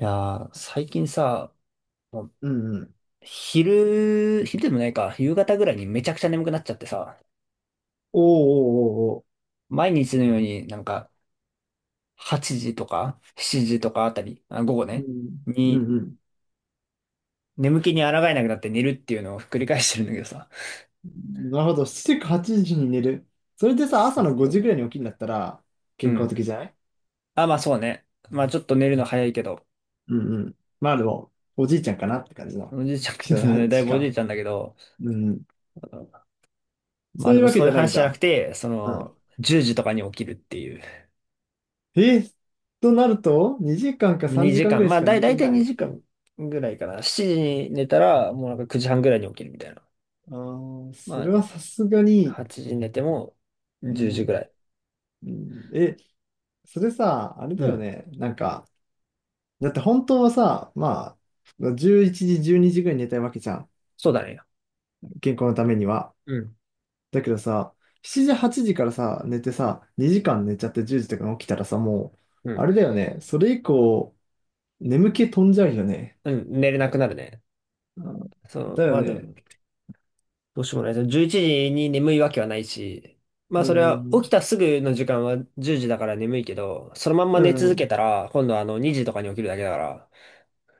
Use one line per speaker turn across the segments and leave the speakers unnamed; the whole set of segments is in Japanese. いやー、最近さ、もう
うんうん。
昼、昼でもないか、夕方ぐらいにめちゃくちゃ眠くなっちゃってさ、
おーおーお
毎日のようになんか8時とか7時とかあたり、あ、午後
ーおー。
ね、
うん。う
に
んう
眠気に抗えなくなって寝るっていうのを繰り返してるんだけどさ。
ん。なるほど。7時8時に寝る。それでさ、
そ
朝
う
の
そう
5
そ
時ぐらい
う。
に起きるんだったら、
う
健康
ん。
的じゃない。
あ、まあそうね。まあちょっと寝るの早いけど、
うんうん。まあでも、おじいちゃんかなって感じの、
おじいちゃ
起床
ん、だい
時
ぶおじい
間。
ちゃんだけど、
うん、
ま
そ
あ
う
で
いう
も
わけ
そう
じ
いう
ゃないん
話じゃなく
だ。
て、そ
うん。
の、10時とかに起きるっていう。
えとなると、2時間か3
2
時間
時
ぐ
間。
らい
ま
し
あ、
か寝
だい
て
たい
ない。
2時間ぐらいかな。7時に寝たら、もうなんか9時半ぐらいに起きるみたいな。
あー、そ
ま
れ
あ、
はさすがに、
8時に寝ても
う
10時ぐ
ん、
らい。
うん、え、それさ、あれ
う
だよ
ん。
ね。なんか、だって本当はさ、まあ、11時、12時ぐらいに寝たいわけじゃん。
そうだね。
健康のためには。
うん。
だけどさ、7時、8時からさ、寝てさ、2時間寝ちゃって10時とかに起きたらさ、
うん。
あれだよね。それ以降、眠気飛んじゃうよね。
うん、寝れなくなるね。
うん、
そう、
だ
ま
よ
あ、で
ね。
もどうしようもない。11時に眠いわけはないし、まあ、
う
それは起き
ん、
たすぐの時間は10時だから眠いけど、そのまんま
う
寝続け
ん、
たら、今度は2時とかに起きるだけだから。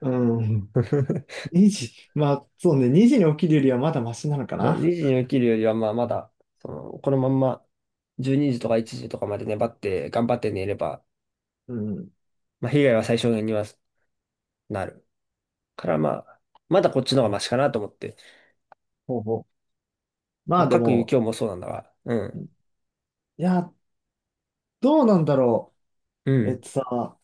うん。2時、まあ、そうね、2時に起きるよりはまだマシなのか
2
な。
時に起きるよりは、まあ、まだ、その、このまんま、12時とか1時とかまで粘って、頑張って寝れば、
うん、
まあ、被害は最小限にはなる。から、まあ、まだこっちの方がマシかなと思って。
ほうほう。ま
まあ、
あで
各有
も、
今日もそうなんだが、うん、
いや、どうなんだろ
う
う。え
ん、
っとさ、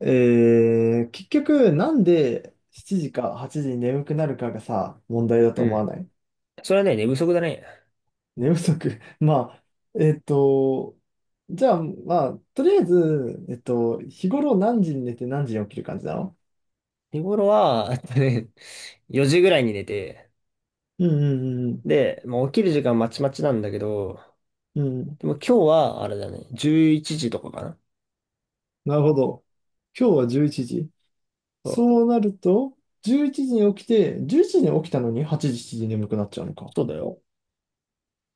結局、なんで7時か8時に眠くなるかがさ、問題だと
う
思わ
ん。
ない？
それはね、寝不足だね。
寝不足 まあ、えっと、じゃあ、まあ、とりあえず、日頃何時に寝て何時に起きる感じなの？
日頃は、あとね、4時ぐらいに寝て、
うんうん
で、まあ、起きる時間まちまちなんだけど、
うん。うん。
でも今日は、あれだね、11時とかかな。
なるほど。今日は11時。
そう、
そうなると、11時に起きて、11時に起きたのに8時、7時に眠くなっちゃうのか。
そうだよ。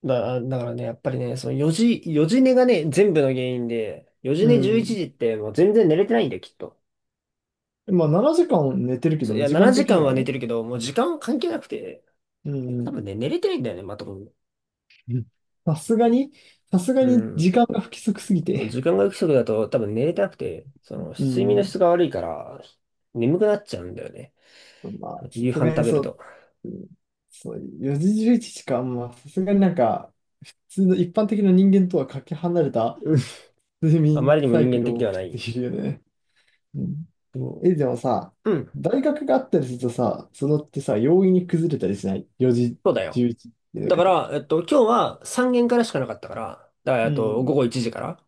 だからね、やっぱりね、その4時、4時寝がね、全部の原因で、4時
う
寝11
ん。
時ってもう全然寝れてないんだよ、きっと。
まあ、7時間寝てるけ
そ
ど
うい
ね、
や、
時間
7
的
時
に
間は
は
寝
ね。
てるけど、もう時間は関係なくて、
うんう
多
ん。
分ね、寝れてないんだよね、まともに。
うん、さすがに、さすが
う
に
ん。
時間が不規則すぎて。
時間が不足だと多分寝れてなくて、その
う
睡眠の
ん。
質が悪いから、眠くなっちゃうんだよね。
まあ、さ
夕
す
飯
が
食
に
べる
そう、
と。
うん、そう、4時11時かん。まあ、さすがになんか、普通の一般的な人間とはかけ離れた
うん。
睡
あま
眠
りにも
サイ
人
ク
間
ル
的
を
では
送っ
な
て
い。
いるよね。うん。
そ
え、でもさ、
ううん。
大学があったりするとさ、そのってさ、容易に崩れたりしない。4時
そうだよ。
11時って寝
だか
方。
ら、今日は3限からしかなかったから、だから、
う
午
ん。
後1時から。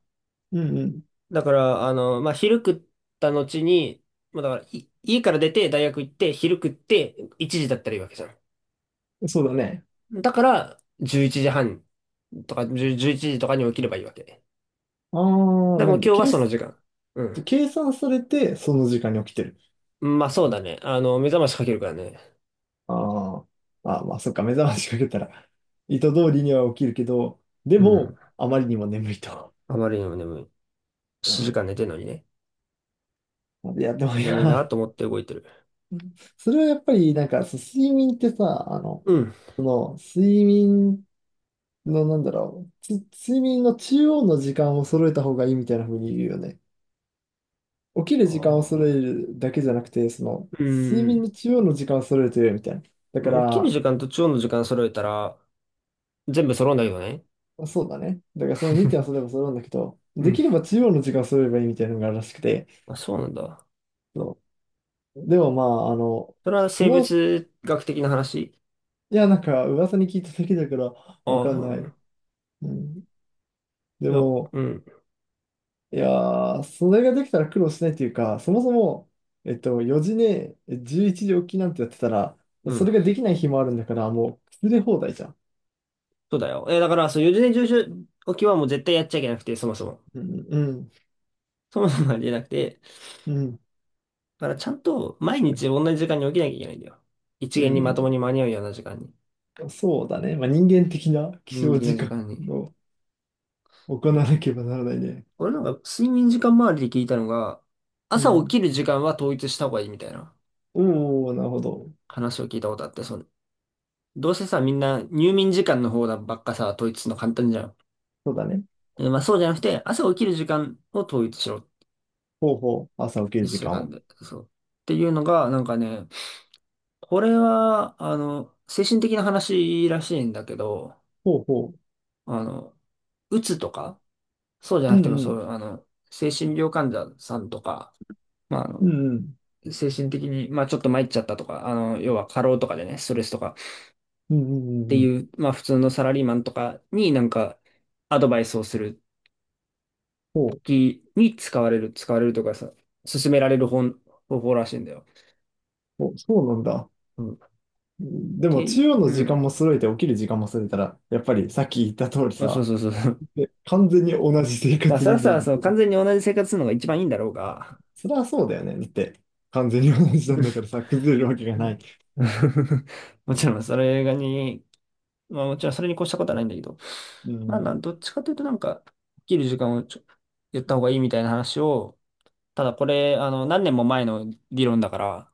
うんう
だから、まあ、昼食った後に、まあ、だから、い家から出て大学行って、昼食って、1時だったらいいわけじゃ
ん。そうだね。
ん。だから、11時半とか、10 1時とかに起きればいいわけ。
ああ、
でも今日はその時間。うん。
計算されて、その時間に起きてる。
まあ、そうだね。目覚ましかけるからね。
あーあー、まあまあ、そっか、目覚ましかけたら、意図通りには起きるけど、で
うん。
も、あまりにも眠いと。
あまりにも眠い。7時間寝 てんのにね。
うん、いや、でもい
眠い
や、
なと思って動いてる。
それはやっぱり、なんか、そう睡眠ってさ、あの、
うん。
その、睡眠の、なんだろう、睡眠の中央の時間を揃えた方がいいみたいな風に言うよね。起き
あ
る時間を揃え
あ。
るだけじゃなくて、その、
う
睡眠
ん。
の中央の時間を揃えるとよいみたいな。だか
もう起きる
ら、
時間と中央の時間揃えたら、全部揃うんだけどね。
そうだね。だからその2点はそれば 揃うんだけど、
う
で
ん。
きれば中央の時間を揃えればいいみたいなのがあるらしくて、
あ、そうなんだ。
そう。でもまあ、あの、
それは
そ
生
の、
物学的な話
いや、なんか、噂に聞いただけだから、わ
ああ、
かん
そう
な
なん
い。
だ。
うん。で
いや、
も、
うん、
いやー、それができたら苦労しないっていうか、そもそも、4時ね、11時起きなんてやってたら、
う
そ
ん。
れができない日もあるんだから、もう、崩れ放題じゃん。
そうだよ。え、だから、そう、四十年上昇起きはもう絶対やっちゃいけなくて、そもそも。
うん、うん、
そもそもありえなくて。
うん、
だから、ちゃんと毎日同じ時間に起きなきゃいけないんだよ。一
う
元にまとも
ん。
に間に合うような時間に。
そうだね。まあ、人間的な起
人間
床
的な
時
時
間
間に。
を行わなければならないね。
俺なんか、睡眠時間周りで聞いたのが、
う
朝起
ん。
きる時間は統一した方がいいみたいな
おー、なるほど。
話を聞いたことあって、その、どうせさ、みんな入眠時間の方ばっかさ、統一するの簡単じゃん。
そうだね。
まあそうじゃなくて、朝起きる時間を統一しろ
ほうほう、朝起きる
一
時
週
間
間
を。
で、そう。っていうのが、なんかね、これは、精神的な話らしいんだけど、
ほうほう。
あの、うつとか、そうじゃ
う
なくて
ん
も、
う
そ
ん、
う、精神病患者さんとか、まあ、
うん
精神的に、まあ、ちょっと参っちゃったとか、要は過労とかでね、ストレスとかっ
うん、うんうんう
て
んうん。
いう、まあ、普通のサラリーマンとかになんか、アドバイスをする
そ
時に使われるとかさ、勧められる方法らしいんだよ。
う、おそうなんだ。
うん。
でも、中
て、
央
う
の時間
ん。
も揃えて起きる時間も揃えたら、やっぱりさっき言った通り
あそう
さ、
そうそう。
で、完全に同じ生
まあ、
活
そら
リズ
そ
ム
ら、
だっ
その
たけ
完
ど、
全に同じ生活するのが一番いいんだろうが、
それはそうだよね。だって、完全に同じなんだからさ、崩れるわけがな
ね
い。
もちろんそれがに、まあもちろんそれに越したことはないんだけど、
う
まあな
ん、
ん、どっちかというとなんか、起きる時間を言った方がいいみたいな話を、ただこれ、何年も前の理論だから、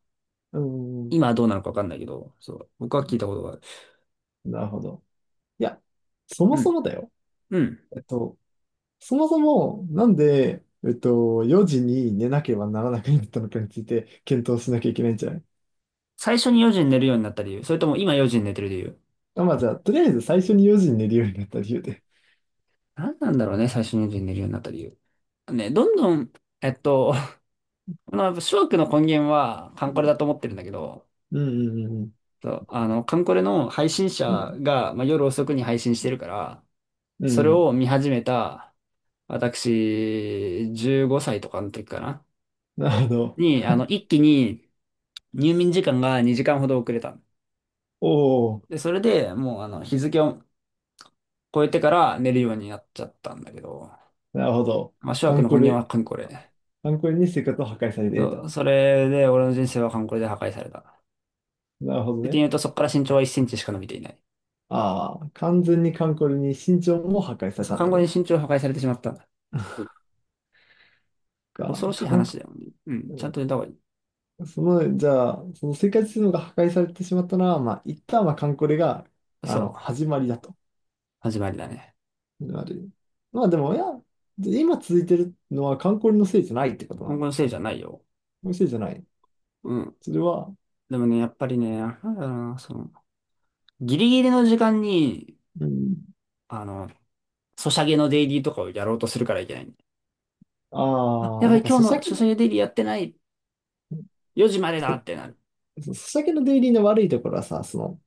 うん、
今はどうなのかわかんないけど、そう、僕は聞いたことがある。
なるほど。いや、そも
う
そ
ん、
もだよ。
うん。
えっと、そもそも、なんで、4時に寝なければならなくなったのかについて、検討しなきゃいけないんじゃない？
最初に4時に寝るようになった理由、それとも今4時に寝てる理由。
あ、まあじゃあ、とりあえず最初に4時に寝るようになった理由で。
何なんだろうね、最初に4時に寝るようになった理由。ね、どんどん、えっと、まあ、やっぱ諸悪の根源はカ
う
ンコレ
ん。
だと思ってるんだけど、
うんうん
そう、カンコレの配信者
うんうん。
が、まあ、夜遅くに配信してるから、
う
それ
ん。
を見始めた、私、15歳とかの時かな、
なるほど。
に、一気に入眠時間が2時間ほど遅れたの。
おお、
で、それでもう、日付を超えてから寝るようになっちゃったんだけど、
なるほど。
まあ、諸
カ
悪
ン
の
コ
根源
レ、
はカンコレ。
カンコレに生活を破壊されている
そう
と。
それで、俺の人生はカンコレで破壊された。っ
なるほど
て
ね。
言うと、そこから身長は1センチしか伸びていない。
ああ、完全にカンコレに身長も破壊され
そう、
たん
看
だ
護に
ね。
身長を破壊されてしまった。恐ろ
か、
しい
カンコ、
話だよね。うん。ちゃん
う
と寝た方がいい。
ん、その、じゃあ、その生活するのが破壊されてしまったのは、まあ、一旦はカンコレが、あ
そ
の、
う。
始まりだと。
始まりだね。
なる。まあでも、いや、今続いてるのはカンコレのせいじゃないってことな
今
の？
後のせいじゃないよ。
のせいじゃない。
うん。
それは、
でもね、やっぱりね、なんだろうな、その、ギリギリの時間に、
うん。
あの、ソシャゲのデイリーとかをやろうとするからいけない。あ、
あ
や
あ、
ば
なん
い、
か、
今
ソ
日
シ
の
ャゲ
ソシャ
の、
ゲデイリーやってない。4時までだ
そ、
ってなる。
ソシャゲのデイリーの悪いところはさ、その、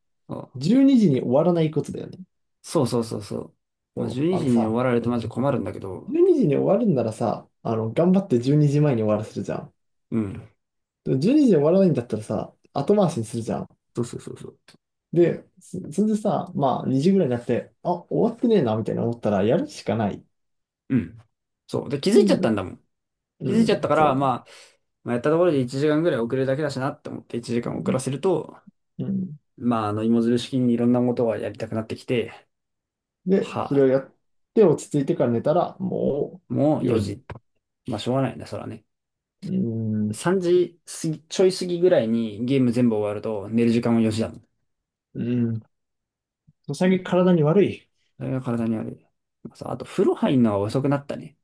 12時にじに終わらないことだよね。
そうそうそうそうそう。まあ、12
あ
時
の
にじに終
さ、
わられるとマジ困るんだけど。
12時にじに終わるんならさ、あの、頑張って12時前にじまえに終わらせるじゃん。
うん。
でも12時にじに終わらないんだったらさ、後回しにするじゃん。
そうそうそうそう。
で、それでさ、まあ、2時ぐらいになって、あ、終わってねえな、みたいな思ったら、やるしかない。
うん。そう。で、気づ
う
いちゃったん
ん、
だもん。
う
気づいちゃった
ん、
から、
そ
まあ、まあ、やったところで1時間ぐらい遅れるだけだしなって思って1時
う。う
間遅
ん、
らせると、
うん。
まあ、芋づる式にいろんなことがやりたくなってきて、
で、
は
それ
あ、
をやって、落ち着いてから寝たら、も
も
う、
う4
4時。
時。まあ、しょうがないね、そらね。
うん、
3時過ぎ、ちょい過ぎぐらいにゲーム全部終わると寝る時間も4時だもん。
うん。最近体に悪い。
それが体に悪い。まあさあと、風呂入んのは遅くなったね。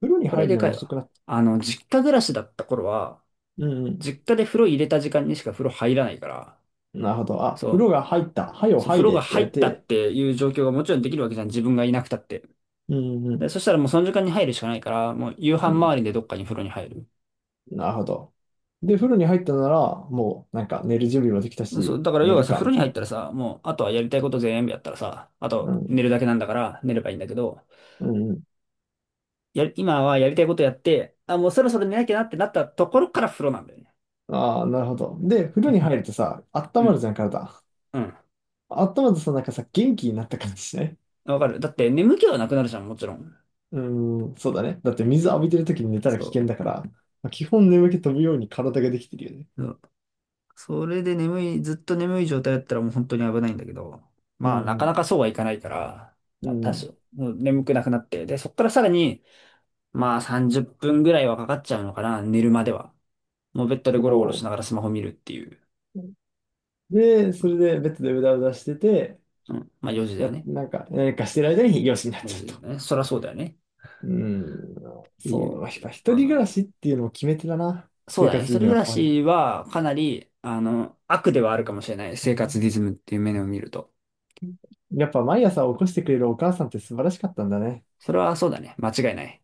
風呂に
これ
入る
で
の
か
が
い
遅
わ。
くなった。
実家暮らしだった頃は、
うんうん。
実家で風呂入れた時間にしか風呂入らないから、
なるほど。あ、
そ
風呂
う。
が入った。はよ
そう、風
入
呂
れっ
が
て言
入
われ
ったっ
て。
ていう状況がもちろんできるわけじゃん。自分がいなくたって。
うんうん。
で、そしたらもうその時間に入るしかないから、もう夕飯
うん。
周りでどっかに風呂に入る。
なるほど。で、風呂に入ったなら、もうなんか寝る準備もできた
そ
し、
う、だから
寝
要は
る
さ、
か、
風呂
み
に
たい
入
な。
ったらさ、もうあとはやりたいこと全部やったらさ、あ
う
と
ん。
寝るだけなんだから寝ればいいんだけど、
うんうん。
や、今はやりたいことやって、あ、もうそろそろ寝なきゃなってなったところから風呂なんだよね。
ああ、なるほど。で、風呂に入 るとさ、温
う
まる
ん。
じゃん、体。
うん。
温まるとさ、なんかさ、元気になった感じしない？
わかる。だって眠気はなくなるじゃん、もちろん。
うん、そうだね。だって水浴びてる時に寝たら危険
そ
だから、まあ基本眠気飛ぶように体ができてるよね。
う。それで眠い、ずっと眠い状態だったらもう本当に危ないんだけど、
う
まあなかな
ん
かそうはいかないから、
う
まあ
ん。
多
うん。
少、もう眠くなくなって、で、そっからさらに、まあ30分ぐらいはかかっちゃうのかな、寝るまでは。もうベッドでゴロゴロ
お
し
お。
ながらスマホ見るっていう。
で、それでベッドでうだうだしてて、
うん。まあ4時だよ
や、
ね。
なんか、何かしてる間に養子になっ
4
ちゃ
時
う
だ
と。
よね。そりゃそうだよね。っ
うん、
てい
そう、
う。
やっぱ
ま
一
あ
人暮
ま
らしっていうのも決め手だな。
あそう
生
だね。一
活リ
人
ズム
暮
が
ら
壊れる。
しはかなり、悪ではあるかもしれない。
う
生活
ん、
リズムっていう面を見ると。
やっぱ毎朝起こしてくれるお母さんって素晴らしかったんだね。
それはそうだね。間違いない。